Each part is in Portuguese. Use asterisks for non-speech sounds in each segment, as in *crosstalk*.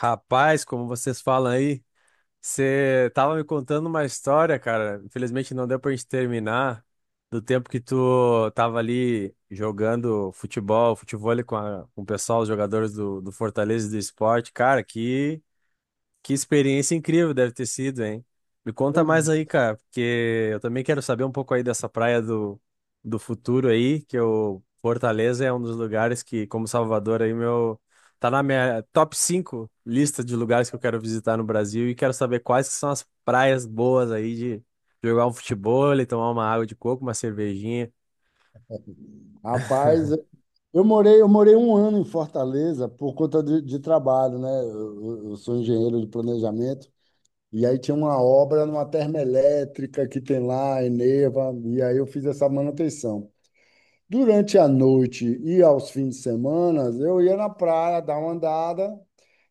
Rapaz, como vocês falam aí, você tava me contando uma história, cara. Infelizmente não deu pra gente terminar do tempo que tu tava ali jogando futebol, futevôlei com, com o pessoal, os jogadores do Fortaleza e do Sport. Cara, que experiência incrível deve ter sido, hein? Me conta mais Pois, aí, cara, porque eu também quero saber um pouco aí dessa praia do futuro aí, que o Fortaleza é um dos lugares que, como Salvador aí, meu, tá na minha top 5 lista de lugares que eu quero visitar no Brasil e quero saber quais que são as praias boas aí de jogar um futebol, tomar uma água de coco, uma cervejinha. rapaz, eu morei um ano em Fortaleza por conta de trabalho, né? Eu sou engenheiro de planejamento, e aí tinha uma obra numa termoelétrica que tem lá, Eneva, e aí eu fiz essa manutenção. Durante a noite e aos fins de semana, eu ia na praia dar uma andada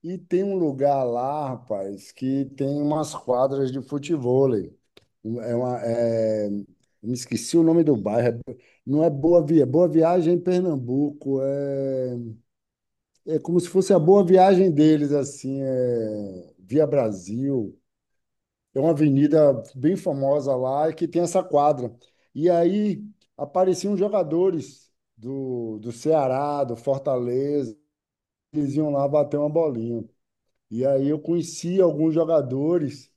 e tem um lugar lá, rapaz, que tem umas quadras de futevôlei. É uma, é- Me esqueci o nome do bairro. Não é Boa Viagem em Pernambuco. É, é como se fosse a Boa Viagem deles, assim, é Via Brasil. É uma avenida bem famosa lá e que tem essa quadra. E aí apareciam jogadores do Ceará, do Fortaleza, eles iam lá bater uma bolinha. E aí eu conheci alguns jogadores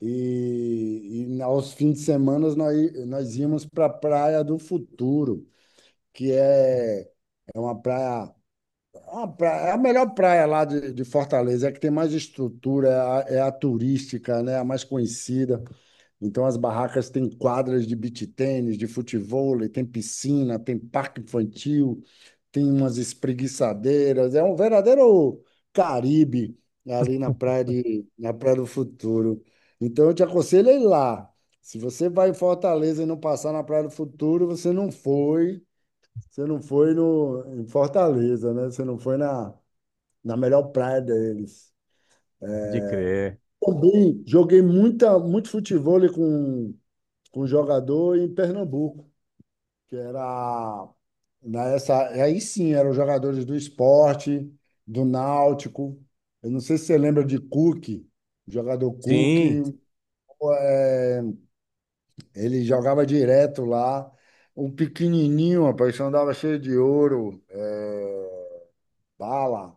e aos fins de semana nós íamos para a Praia do Futuro, que é, é uma praia. A melhor praia lá de Fortaleza, é a que tem mais estrutura, é é a turística, né? A mais conhecida. Então, as barracas têm quadras de beach tênis, de futevôlei, tem piscina, tem parque infantil, tem umas espreguiçadeiras. É um verdadeiro Caribe ali na praia na Praia do Futuro. Então, eu te aconselho a ir lá. Se você vai em Fortaleza e não passar na Praia do Futuro, você não foi, você não foi no, em Fortaleza, né? Você não foi na melhor praia deles. De crer. Também joguei muito futebol com um jogador em Pernambuco, que era nessa, aí sim, eram jogadores do esporte, do Náutico. Eu não sei se você lembra de Cook, jogador Cook, Sim. é, ele jogava direto lá. Um pequenininho, rapaz, que andava cheio de ouro, é, bala.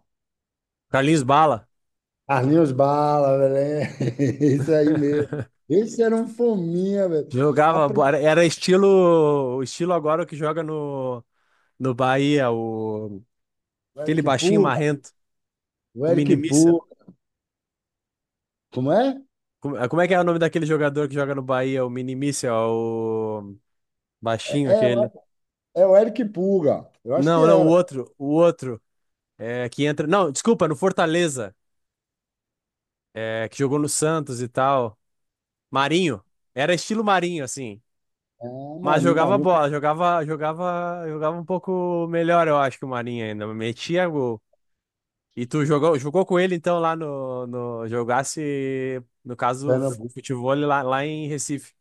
Carlinhos Bala. Carlinhos Bala, velho. *laughs* Isso aí mesmo. Esse era um fominha, velho. Jogava, Aprendi era estilo, estilo agora o que joga no Bahia, o o aquele Eric baixinho Puga, marrento, o o Eric Mini Mísel. Puga. Como é? Como é que é o nome daquele jogador que joga no Bahia, o Mini Mísel, o É, baixinho é, aquele? o- É o Eric Puga. Eu acho que Não, não, era. O outro é, que entra, não, desculpa, no Fortaleza, é, que jogou no Santos e tal. Marinho, era estilo Marinho assim, É, mas jogava Marinho, bola, jogava um pouco melhor, eu acho que o Marinho ainda, metia gol. E tu jogou com ele então lá no jogasse, no caso, Pernambuco, futebol lá, lá em Recife.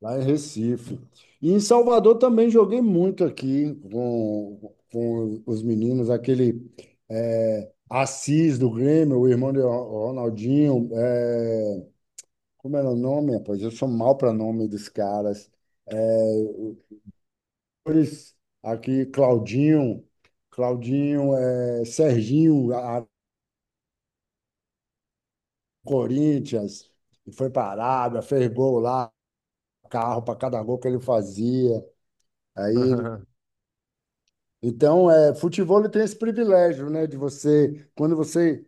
lá em Recife. E em Salvador também joguei muito aqui com os meninos, aquele é, Assis do Grêmio, o irmão de Ronaldinho. É, como era o nome, rapaz? Eu sou mal para nome dos caras. É, Flores, aqui, Claudinho, é, Serginho, Corinthians, e foi para a Arábia, fez gol lá, carro para cada gol que ele fazia. Aí, ele- *laughs* então, é, futebol ele tem esse privilégio, né, de você, quando você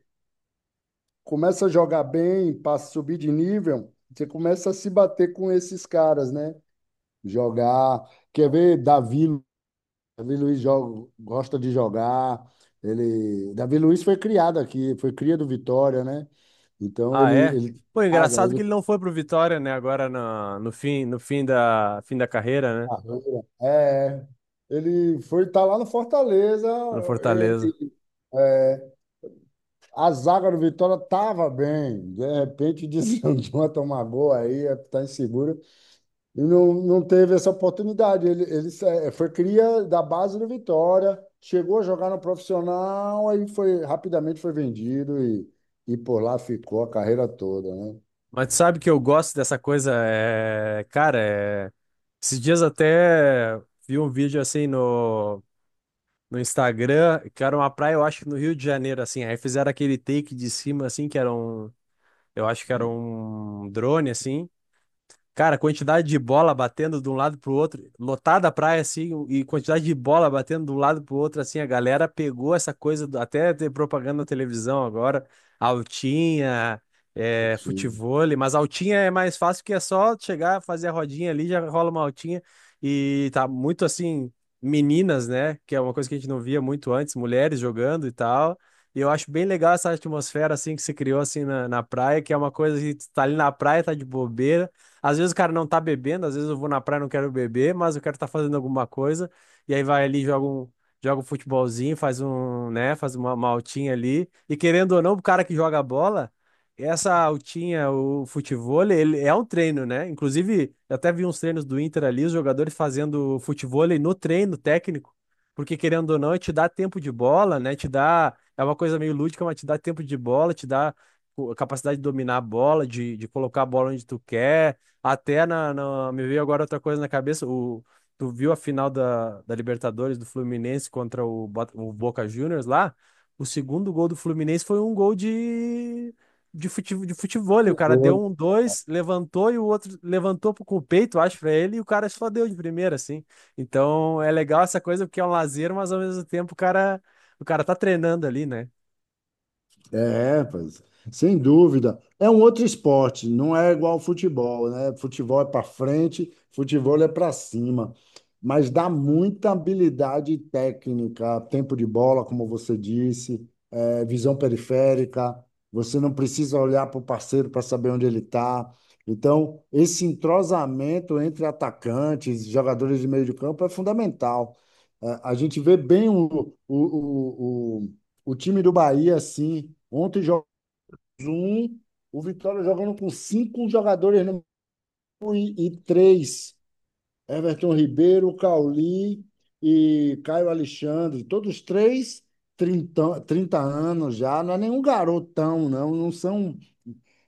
começa a jogar bem, passa a subir de nível, você começa a se bater com esses caras, né? Jogar, quer ver Davi Luiz joga, gosta de jogar. Davi Luiz foi criado aqui, foi cria do Vitória, né? Então Ah, ele é? ele Pô, ah, engraçado que ele ele não foi pro Vitória, né? Agora fim, no fim fim da carreira, né? é, ele foi estar lá no Fortaleza, No Fortaleza. ele é, a zaga do Vitória tava bem. De repente desandou *laughs* a tomar gol aí, tá inseguro. E não teve essa oportunidade. Foi cria da base do Vitória, chegou a jogar no profissional, aí foi rapidamente foi vendido e por lá ficou a carreira toda, né? Mas tu sabe que eu gosto dessa coisa, é, cara, é, esses dias até vi um vídeo assim no Instagram, que era uma praia, eu acho, no Rio de Janeiro, assim. Aí fizeram aquele take de cima, assim, que era um, eu acho que era um drone, assim. Cara, quantidade de bola batendo de um lado pro outro, lotada a praia assim, e quantidade de bola batendo de um lado pro outro, assim, a galera pegou essa coisa, até ter propaganda na televisão agora, altinha, O é, time. futevôlei, mas altinha é mais fácil porque é só chegar, fazer a rodinha ali, já rola uma altinha, e tá muito assim, meninas, né, que é uma coisa que a gente não via muito antes, mulheres jogando e tal. E eu acho bem legal essa atmosfera assim que se criou assim na praia, que é uma coisa que tu tá ali na praia, tá de bobeira, às vezes o cara não tá bebendo, às vezes eu vou na praia e não quero beber, mas eu quero estar tá fazendo alguma coisa. E aí vai ali, joga um futebolzinho, faz um, né, faz uma altinha ali. E querendo ou não, o cara que joga bola, essa altinha, o futevôlei, ele é um treino, né? Inclusive, eu até vi uns treinos do Inter ali, os jogadores fazendo futevôlei no treino técnico. Porque querendo ou não, te dá tempo de bola, né? Te dá. É uma coisa meio lúdica, mas te dá tempo de bola, te dá pô, a capacidade de dominar a bola, de colocar a bola onde tu quer. Até me veio agora outra coisa na cabeça. O, tu viu a final da Libertadores do Fluminense contra o, o Boca Juniors lá? O segundo gol do Fluminense foi um gol de, de futevôlei. O cara deu um dois, levantou e o outro levantou com o peito, acho, pra ele, e o cara só deu de primeira, assim. Então é legal essa coisa porque é um lazer, mas ao mesmo tempo o cara tá treinando ali, né? É, pois, sem dúvida. É um outro esporte, não é igual ao futebol, né? Futebol é para frente, futebol é para cima, mas dá muita habilidade técnica, tempo de bola, como você disse, é, visão periférica. Você não precisa olhar para o parceiro para saber onde ele está. Então, esse entrosamento entre atacantes, jogadores de meio de campo é fundamental. É, a gente vê bem o, o time do Bahia, assim, ontem jogou um, o Vitória jogando com cinco jogadores no, e três. Everton Ribeiro, Cauli e Caio Alexandre, todos três, 30 30 anos já, não é nenhum garotão, não são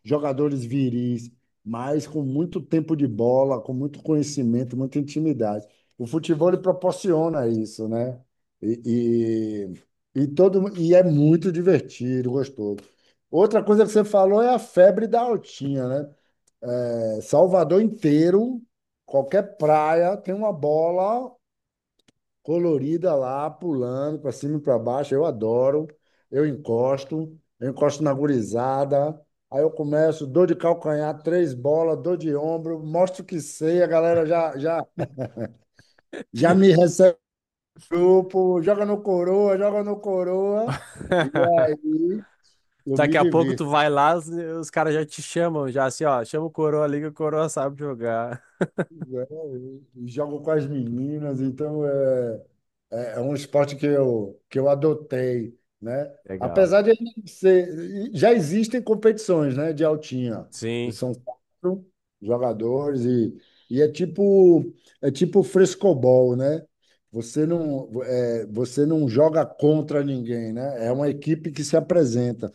jogadores viris, mas com muito tempo de bola, com muito conhecimento, muita intimidade. O futebol ele proporciona isso, né? E, e é muito divertido, gostoso. Outra coisa que você falou é a febre da altinha, né? É, Salvador inteiro, qualquer praia tem uma bola colorida lá, pulando para cima e para baixo. Eu adoro. Eu encosto na gurizada. Aí eu começo, dor de calcanhar, três bolas, dor de ombro, mostro que sei, a galera já me recebe no grupo, joga no coroa, joga no coroa. E *laughs* aí eu Daqui me a pouco tu divirto, vai lá, os caras já te chamam, já assim, ó, chama o Coroa ali que o Coroa sabe jogar. né? E jogo com as meninas, então é um esporte que eu adotei, né? Legal. Apesar de ele ser, já existem competições, né, de altinha. Sim. São quatro jogadores e é tipo frescobol, né? Você não joga contra ninguém, né? É uma equipe que se apresenta.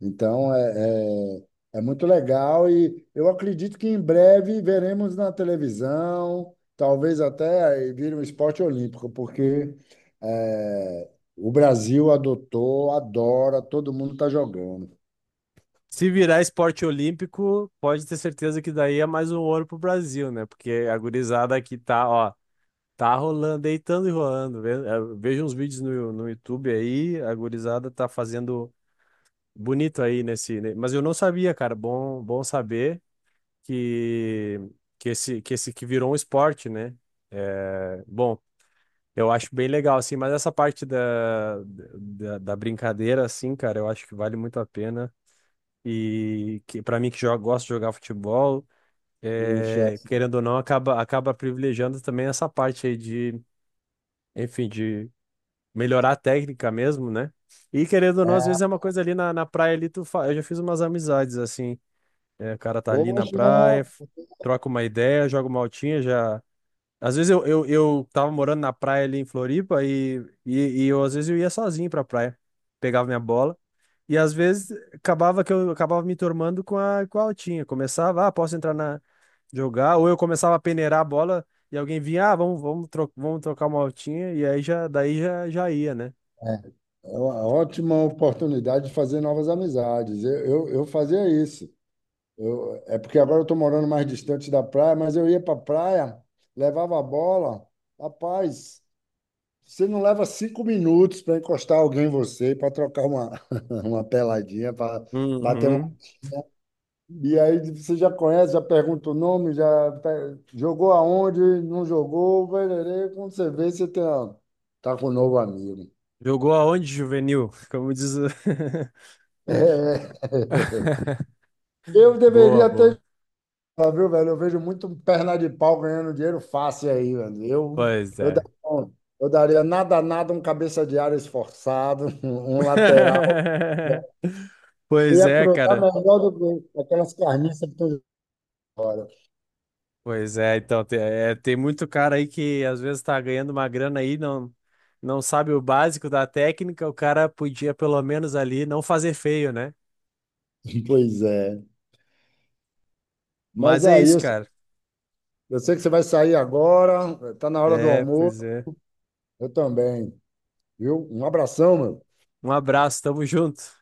Então, é muito legal e eu acredito que em breve veremos na televisão, talvez até vire um esporte olímpico, porque é, o Brasil adotou, adora, todo mundo está jogando. Se virar esporte olímpico, pode ter certeza que daí é mais um ouro pro Brasil, né? Porque a gurizada aqui tá, ó, tá rolando, deitando e rolando. Veja uns vídeos no YouTube aí, a gurizada tá fazendo bonito aí nesse, né? Mas eu não sabia, cara. Bom, bom saber que que esse que virou um esporte, né? É, bom, eu acho bem legal, assim, mas essa parte da brincadeira, assim, cara, eu acho que vale muito a pena. E que para mim que joga, gosto de jogar futebol, Poxa, é, querendo ou não, acaba privilegiando também essa parte aí de, enfim, de melhorar a técnica mesmo, né? E querendo ou não, às é, vezes é uma coisa ali na praia ali, tu fa... eu já fiz umas amizades, assim, é, o cara tá ali na poxa, praia, troca uma ideia, joga uma altinha, já. Às vezes eu tava morando na praia ali em Floripa e eu, às vezes eu ia sozinho pra praia. Pegava minha bola e às vezes acabava que eu acabava me turmando com a altinha. Começava, ah, posso entrar na jogar, ou eu começava a peneirar a bola e alguém vinha, ah, vamos trocar uma altinha e aí já, daí já, já ia, né? é uma ótima oportunidade de fazer novas amizades. Eu fazia isso. É porque agora eu estou morando mais distante da praia, mas eu ia para a praia, levava a bola, rapaz. Você não leva cinco minutos para encostar alguém em você, para trocar uma, *laughs* uma peladinha, para bater uma. Uhum. E aí você já conhece, já pergunta o nome, jogou aonde, não jogou, pererê. Quando você vê, você tem, ó, tá com um novo amigo. Jogou aonde, juvenil? *laughs* Como diz o... É. *laughs* *laughs* Eu Boa, deveria ter boa. jogado, viu, velho? Eu vejo muito perna de pau ganhando dinheiro fácil aí, velho. Pois eu, da- é. eu daria nada, um cabeça de área esforçado, *laughs* um lateral. *laughs* Eu Pois ia é, cruzar cara. melhor do que aquelas carniças que estão fora. Pois é, então, tem muito cara aí que às vezes tá ganhando uma grana aí, não, não sabe o básico da técnica, o cara podia pelo menos ali não fazer feio, né? *laughs* Pois é. Mas Mas é é isso, isso. cara. Eu sei que você vai sair agora, está na hora do É, almoço, pois é. eu também. Viu? Um abração, meu. Um abraço, tamo junto.